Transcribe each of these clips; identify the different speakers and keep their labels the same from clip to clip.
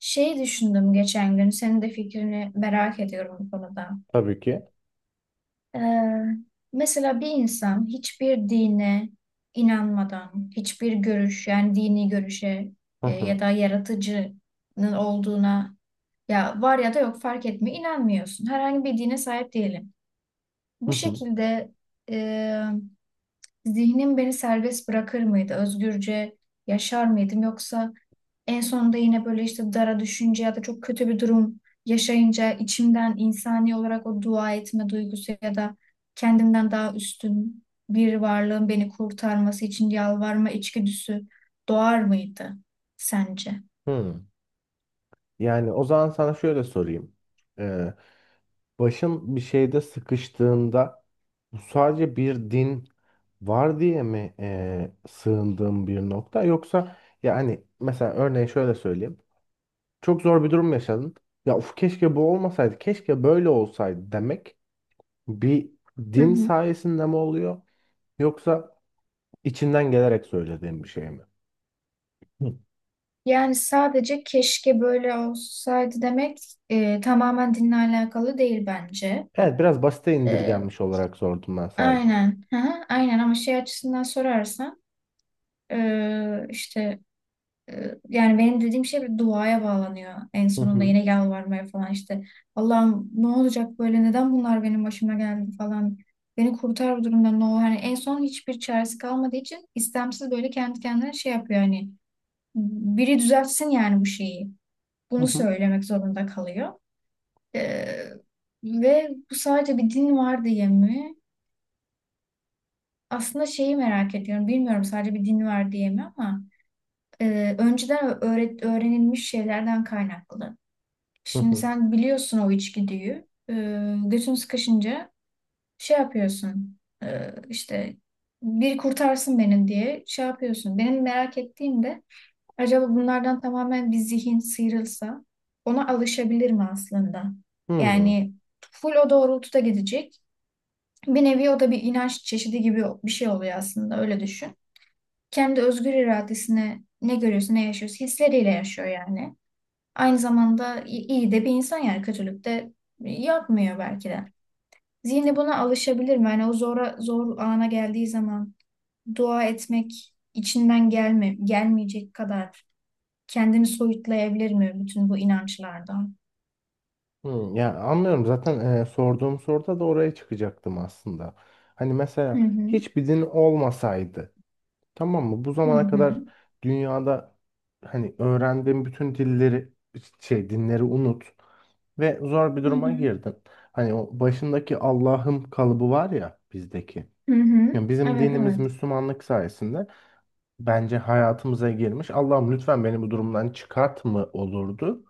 Speaker 1: Şey düşündüm geçen gün, senin de fikrini merak ediyorum bu konuda.
Speaker 2: Tabii ki.
Speaker 1: Ee, Mesela bir insan hiçbir dine inanmadan, hiçbir görüş, yani dini görüşe
Speaker 2: Hı hı.
Speaker 1: ya da yaratıcının olduğuna ya var ya da yok fark etmiyor, inanmıyorsun. Herhangi bir dine sahip değilim. Bu
Speaker 2: Hı hı.
Speaker 1: şekilde e, zihnim beni serbest bırakır mıydı? Özgürce yaşar mıydım? Yoksa en sonunda yine böyle işte dara düşünce ya da çok kötü bir durum yaşayınca içimden insani olarak o dua etme duygusu ya da kendimden daha üstün bir varlığın beni kurtarması için yalvarma içgüdüsü doğar mıydı sence?
Speaker 2: Hı. Yani o zaman sana şöyle sorayım. Ee, Başın bir şeyde sıkıştığında bu sadece bir din var diye mi sığındığın bir nokta, yoksa yani mesela örneğin şöyle söyleyeyim. Çok zor bir durum yaşadın. Ya of, keşke bu olmasaydı, keşke böyle olsaydı demek bir
Speaker 1: Hı
Speaker 2: din
Speaker 1: hı.
Speaker 2: sayesinde mi oluyor, yoksa içinden gelerek söylediğin bir şey mi? Hı.
Speaker 1: Yani sadece keşke böyle olsaydı demek tamamen dinle alakalı değil bence.
Speaker 2: Evet, biraz basite
Speaker 1: E,
Speaker 2: indirgenmiş olarak sordum ben sadece.
Speaker 1: aynen. Hı hı, aynen ama şey açısından sorarsan işte, yani benim dediğim şey bir duaya bağlanıyor. En
Speaker 2: Hı
Speaker 1: sonunda
Speaker 2: hı.
Speaker 1: yine yalvarmaya falan işte. Allah'ım ne olacak böyle neden bunlar benim başıma geldi falan. Beni kurtar bu durumdan ne olur. Hani en son hiçbir çaresi kalmadığı için istemsiz böyle kendi kendine şey yapıyor hani. Biri düzeltsin yani bu şeyi.
Speaker 2: Hı
Speaker 1: Bunu
Speaker 2: hı.
Speaker 1: söylemek zorunda kalıyor. Ee, Ve bu sadece bir din var diye mi? Aslında şeyi merak ediyorum. Bilmiyorum sadece bir din var diye mi ama önceden öğrenilmiş şeylerden kaynaklı.
Speaker 2: Hı
Speaker 1: Şimdi
Speaker 2: hı.
Speaker 1: sen biliyorsun o içgüdüyü. Götün sıkışınca şey yapıyorsun. İşte bir kurtarsın beni diye şey yapıyorsun. Benim merak ettiğim de acaba bunlardan tamamen bir zihin sıyrılsa ona alışabilir mi aslında?
Speaker 2: Hmm,
Speaker 1: Yani full o doğrultuda gidecek. Bir nevi o da bir inanç çeşidi gibi bir şey oluyor aslında öyle düşün. Kendi özgür iradesine ne görüyorsa ne yaşıyorsa hisleriyle yaşıyor yani. Aynı zamanda iyi de bir insan yani kötülük de yapmıyor belki de. Zihni buna alışabilir mi? Yani o zor ana geldiği zaman dua etmek içinden gelmeyecek kadar kendini soyutlayabilir mi bütün bu inançlardan?
Speaker 2: hmm. Ya anlıyorum zaten, sorduğum soruda da oraya çıkacaktım aslında. Hani
Speaker 1: Hı
Speaker 2: mesela
Speaker 1: hı.
Speaker 2: hiçbir din olmasaydı, tamam mı? Bu
Speaker 1: Hı
Speaker 2: zamana
Speaker 1: hı.
Speaker 2: kadar dünyada hani öğrendiğin bütün dilleri dinleri unut ve zor bir
Speaker 1: Hı
Speaker 2: duruma
Speaker 1: hı.
Speaker 2: girdin. Hani o başındaki Allah'ım kalıbı var ya bizdeki.
Speaker 1: Hı hı.
Speaker 2: Yani bizim
Speaker 1: Evet,
Speaker 2: dinimiz
Speaker 1: evet.
Speaker 2: Müslümanlık sayesinde bence hayatımıza girmiş. Allah'ım, lütfen beni bu durumdan çıkart mı olurdu?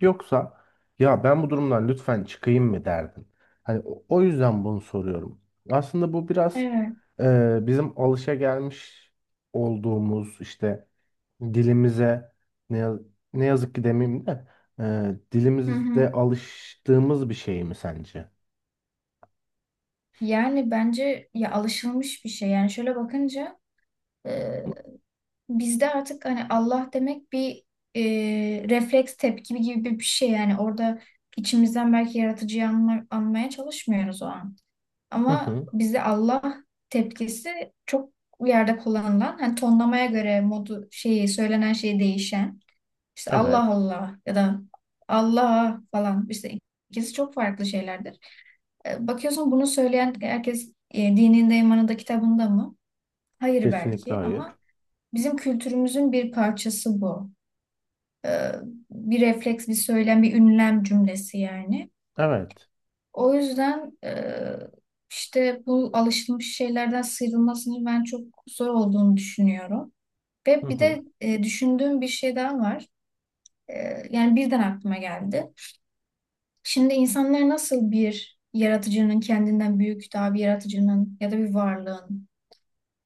Speaker 2: Yoksa ya ben bu durumdan lütfen çıkayım mı derdin? Hani o yüzden bunu soruyorum. Aslında bu biraz
Speaker 1: Evet.
Speaker 2: bizim alışagelmiş olduğumuz işte dilimize, ne, yaz- ne yazık ki demeyeyim de
Speaker 1: Hı hı.
Speaker 2: dilimizde alıştığımız bir şey mi sence?
Speaker 1: Yani bence ya alışılmış bir şey. Yani şöyle bakınca bizde artık hani Allah demek bir e, refleks tepki gibi bir şey yani orada içimizden belki anmaya çalışmıyoruz o an.
Speaker 2: Hı
Speaker 1: Ama
Speaker 2: hı.
Speaker 1: bizde Allah tepkisi çok yerde kullanılan hani tonlamaya göre modu şeyi söylenen şey değişen işte Allah
Speaker 2: Evet.
Speaker 1: Allah ya da Allah falan işte ikisi çok farklı şeylerdir. Bakıyorsun bunu söyleyen herkes dininde imanında kitabında mı? Hayır
Speaker 2: Kesinlikle
Speaker 1: belki
Speaker 2: hayır.
Speaker 1: ama bizim kültürümüzün bir parçası bu. Ee, Bir refleks, bir söylem, bir ünlem cümlesi yani.
Speaker 2: Evet.
Speaker 1: O yüzden işte bu alışılmış şeylerden sıyrılmasının ben çok zor olduğunu düşünüyorum.
Speaker 2: Hı
Speaker 1: Ve bir
Speaker 2: hı.
Speaker 1: de düşündüğüm bir şey daha var. E, Yani birden aklıma geldi. Şimdi insanlar nasıl bir yaratıcının kendinden büyük daha bir yaratıcının ya da bir varlığın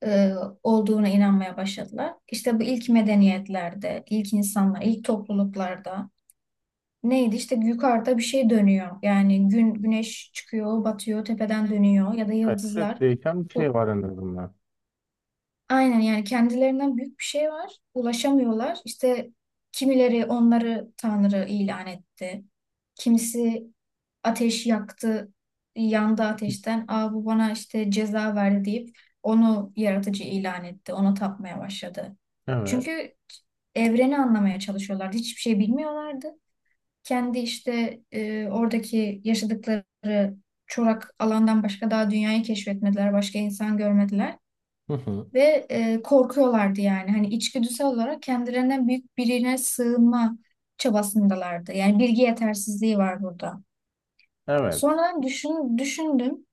Speaker 1: e, olduğuna inanmaya başladılar. İşte bu ilk medeniyetlerde, ilk insanlar, ilk topluluklarda neydi? İşte yukarıda bir şey dönüyor. Yani güneş çıkıyor, batıyor, tepeden dönüyor ya da
Speaker 2: Evet, sürekli
Speaker 1: yıldızlar.
Speaker 2: değişen bir şey
Speaker 1: Bu
Speaker 2: var en azından.
Speaker 1: aynen yani kendilerinden büyük bir şey var. Ulaşamıyorlar. İşte kimileri onları Tanrı ilan etti. Kimisi ateş yaktı, yandı ateşten. Aa bu bana işte ceza verdi deyip onu yaratıcı ilan etti. Ona tapmaya başladı.
Speaker 2: Evet.
Speaker 1: Çünkü evreni anlamaya çalışıyorlar. Hiçbir şey bilmiyorlardı. Kendi işte oradaki yaşadıkları çorak alandan başka daha dünyayı keşfetmediler. Başka insan görmediler.
Speaker 2: Hı hı.
Speaker 1: Ve korkuyorlardı yani. Hani içgüdüsel olarak kendilerinden büyük birine sığınma çabasındalardı. Yani bilgi yetersizliği var burada.
Speaker 2: Evet.
Speaker 1: Sonradan düşündüm.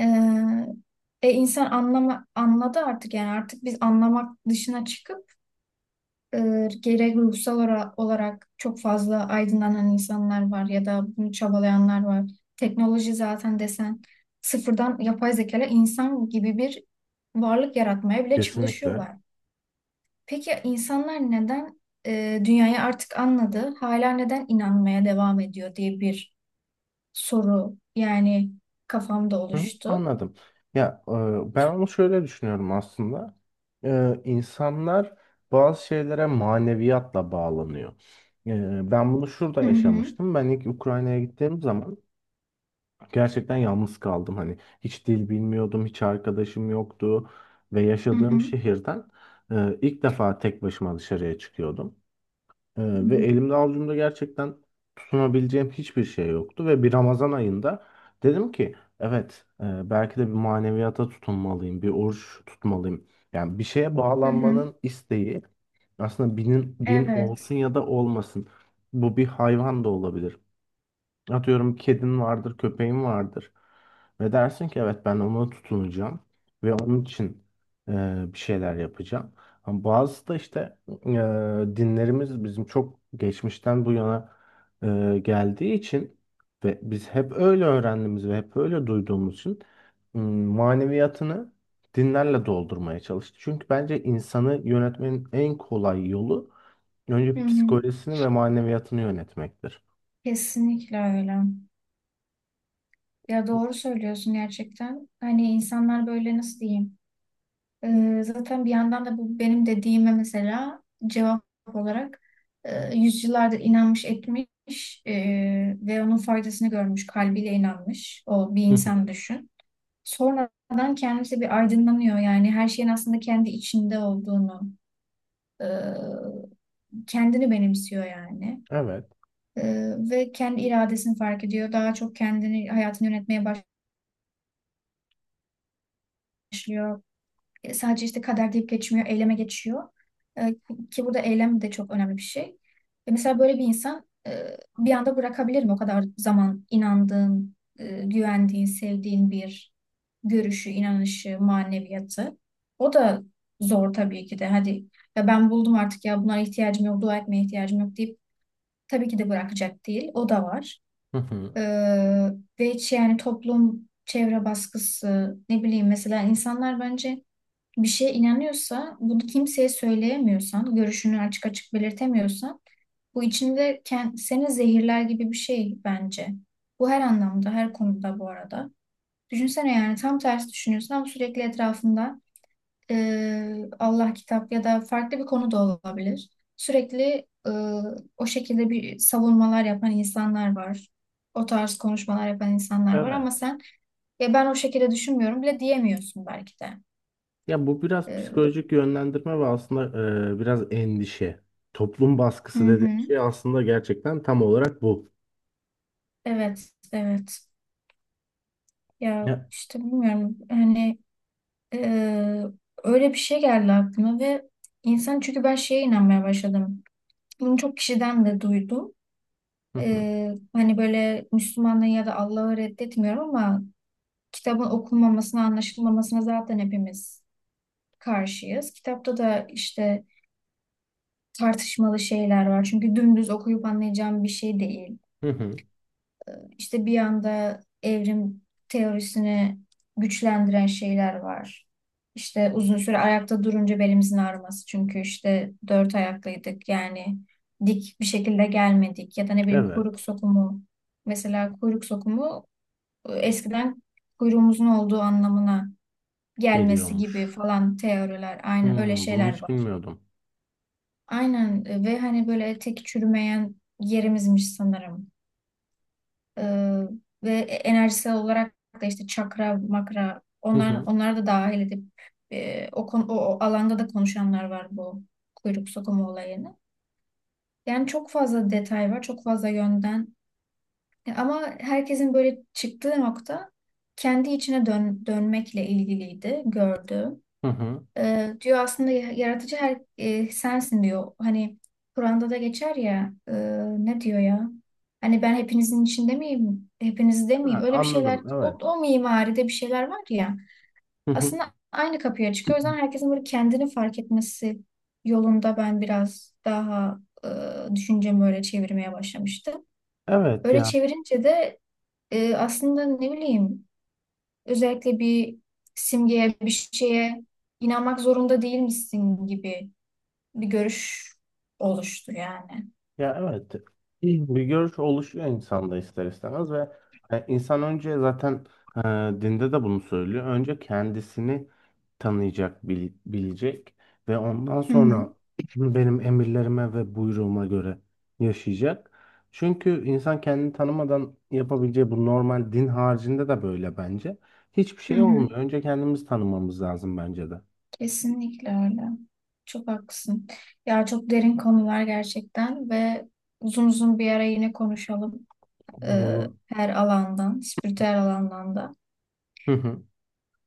Speaker 1: E, anladı artık yani artık biz anlamak dışına çıkıp gerek olarak çok fazla aydınlanan insanlar var ya da bunu çabalayanlar var. Teknoloji zaten desen sıfırdan yapay zeka ile insan gibi bir varlık yaratmaya bile
Speaker 2: Kesinlikle.
Speaker 1: çalışıyorlar. Peki insanlar neden dünyayı artık anladı, hala neden inanmaya devam ediyor diye bir soru yani kafamda
Speaker 2: Hı,
Speaker 1: oluştu.
Speaker 2: anladım. Ya ben onu şöyle düşünüyorum aslında. İnsanlar bazı şeylere maneviyatla bağlanıyor. E, ben bunu şurada
Speaker 1: Hı hı,
Speaker 2: yaşamıştım. Ben ilk Ukrayna'ya gittiğim zaman gerçekten yalnız kaldım. Hani hiç dil bilmiyordum, hiç arkadaşım yoktu ve
Speaker 1: hı
Speaker 2: yaşadığım
Speaker 1: hı,
Speaker 2: şehirden ilk defa tek başıma dışarıya çıkıyordum.
Speaker 1: hı
Speaker 2: Ee, Ve
Speaker 1: hı,
Speaker 2: elimde avucumda gerçekten tutunabileceğim hiçbir şey yoktu ve bir Ramazan ayında dedim ki evet, belki de bir maneviyata tutunmalıyım, bir oruç tutmalıyım. Yani bir şeye
Speaker 1: hı hı.
Speaker 2: bağlanmanın isteği, aslında din
Speaker 1: Evet.
Speaker 2: olsun ya da olmasın. Bu bir hayvan da olabilir. Atıyorum kedin vardır, köpeğin vardır. Ve dersin ki evet, ben ona tutunacağım ve onun için e, bir şeyler yapacağım. Ama bazısı da işte dinlerimiz bizim çok geçmişten bu yana geldiği için ve biz hep öyle öğrendiğimiz ve hep öyle duyduğumuz için maneviyatını dinlerle doldurmaya çalıştı. Çünkü bence insanı yönetmenin en kolay yolu
Speaker 1: Hı
Speaker 2: önce
Speaker 1: hı.
Speaker 2: psikolojisini ve maneviyatını yönetmektir.
Speaker 1: Kesinlikle öyle. Ya doğru söylüyorsun gerçekten. Hani insanlar böyle nasıl diyeyim? Zaten bir yandan da bu benim dediğime mesela cevap olarak yüzyıllardır inanmış etmiş ve onun faydasını görmüş, kalbiyle inanmış o bir
Speaker 2: Hı hı.
Speaker 1: insan düşün. Sonradan kendisi bir aydınlanıyor yani her şeyin aslında kendi içinde olduğunu, e, kendini benimsiyor yani.
Speaker 2: Evet.
Speaker 1: Ve kendi iradesini fark ediyor. Daha çok kendini, hayatını yönetmeye başlıyor. Sadece işte kader deyip geçmiyor, eyleme geçiyor. E, Ki burada eylem de çok önemli bir şey. Mesela böyle bir insan bir anda bırakabilir mi? O kadar zaman inandığın, güvendiğin, sevdiğin bir görüşü, inanışı, maneviyatı. O da zor tabii ki de. Hadi ya ben buldum artık ya bunlara ihtiyacım yok, dua etmeye ihtiyacım yok deyip tabii ki de bırakacak değil. O da var.
Speaker 2: Hı hı.
Speaker 1: E, Ve hiç yani toplum, çevre baskısı, ne bileyim mesela insanlar bence bir şeye inanıyorsa, bunu kimseye söyleyemiyorsan, görüşünü açık açık belirtemiyorsan, bu içinde seni zehirler gibi bir şey bence. Bu her anlamda, her konuda bu arada. Düşünsene yani tam tersi düşünüyorsun ama sürekli etrafında Allah kitap ya da farklı bir konu da olabilir. Sürekli e, o şekilde bir savunmalar yapan insanlar var. O tarz konuşmalar yapan insanlar var ama
Speaker 2: Evet.
Speaker 1: sen ya ben o şekilde düşünmüyorum bile diyemiyorsun belki de.
Speaker 2: Ya bu biraz
Speaker 1: E,
Speaker 2: psikolojik yönlendirme ve aslında biraz endişe. Toplum
Speaker 1: hı
Speaker 2: baskısı dediğim
Speaker 1: hı.
Speaker 2: şey aslında gerçekten tam olarak bu.
Speaker 1: Evet, evet. Ya
Speaker 2: Ya.
Speaker 1: işte bilmiyorum. Hani eee, öyle bir şey geldi aklıma ve insan çünkü ben şeye inanmaya başladım. Bunu çok kişiden de duydum.
Speaker 2: Hı hı.
Speaker 1: Hani böyle Müslümanlığı ya da Allah'ı reddetmiyorum ama kitabın okunmamasına, anlaşılmamasına zaten hepimiz karşıyız. Kitapta da işte tartışmalı şeyler var. Çünkü dümdüz okuyup anlayacağım bir şey değil.
Speaker 2: Hı hı.
Speaker 1: İşte bir anda evrim teorisini güçlendiren şeyler var. İşte uzun süre ayakta durunca belimizin ağrıması. Çünkü işte dört ayaklıydık. Yani dik bir şekilde gelmedik. Ya da ne bileyim kuyruk
Speaker 2: Evet.
Speaker 1: sokumu. Mesela kuyruk sokumu eskiden kuyruğumuzun olduğu anlamına gelmesi gibi
Speaker 2: Geliyormuş.
Speaker 1: falan teoriler. Aynen öyle
Speaker 2: Hmm, bunu
Speaker 1: şeyler
Speaker 2: hiç
Speaker 1: var.
Speaker 2: bilmiyordum.
Speaker 1: Aynen ve hani böyle tek çürümeyen yerimizmiş sanırım. Ee, Ve enerjisel olarak da işte çakra, makra
Speaker 2: Hı hı.
Speaker 1: onlar da dahil edip o alanda da konuşanlar var bu kuyruk sokumu olayını. Yani çok fazla detay var, çok fazla yönden. Ama herkesin böyle çıktığı nokta kendi içine dönmekle ilgiliydi gördüğüm.
Speaker 2: Hı hı.
Speaker 1: Diyor aslında yaratıcı her sensin diyor. Hani Kur'an'da da geçer ya ne diyor ya? Hani ben hepinizin içinde miyim? Hepinizde miyim?
Speaker 2: Ha,
Speaker 1: Öyle bir şeyler
Speaker 2: anladım. Evet.
Speaker 1: o mimaride bir şeyler var ya.
Speaker 2: Hı hı.
Speaker 1: Aslında aynı kapıya çıkıyor. O yüzden herkesin böyle kendini fark etmesi yolunda ben biraz daha düşüncemi öyle çevirmeye başlamıştım.
Speaker 2: Evet
Speaker 1: Öyle
Speaker 2: ya.
Speaker 1: çevirince de aslında ne bileyim özellikle bir simgeye bir şeye inanmak zorunda değil misin gibi bir görüş oluştur yani.
Speaker 2: Ya evet, bir görüş oluşuyor insanda ister istemez ve insan önce zaten e, dinde de bunu söylüyor. Önce kendisini tanıyacak, bilecek ve ondan
Speaker 1: Hı hı,
Speaker 2: sonra benim emirlerime ve buyruğuma göre yaşayacak. Çünkü insan kendini tanımadan yapabileceği, bu normal din haricinde de böyle bence. Hiçbir
Speaker 1: hı
Speaker 2: şey
Speaker 1: hı.
Speaker 2: olmuyor. Önce kendimizi tanımamız lazım bence de.
Speaker 1: Kesinlikle öyle. Çok haklısın. Ya çok derin konular gerçekten ve uzun uzun bir ara yine konuşalım.
Speaker 2: Olur,
Speaker 1: Ee,
Speaker 2: olur.
Speaker 1: Her alandan, spiritüel alandan da.
Speaker 2: Hı hı.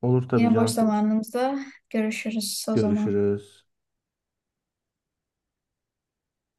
Speaker 2: Olur tabii
Speaker 1: Yine boş
Speaker 2: Cansu.
Speaker 1: zamanımızda görüşürüz o zaman.
Speaker 2: Görüşürüz.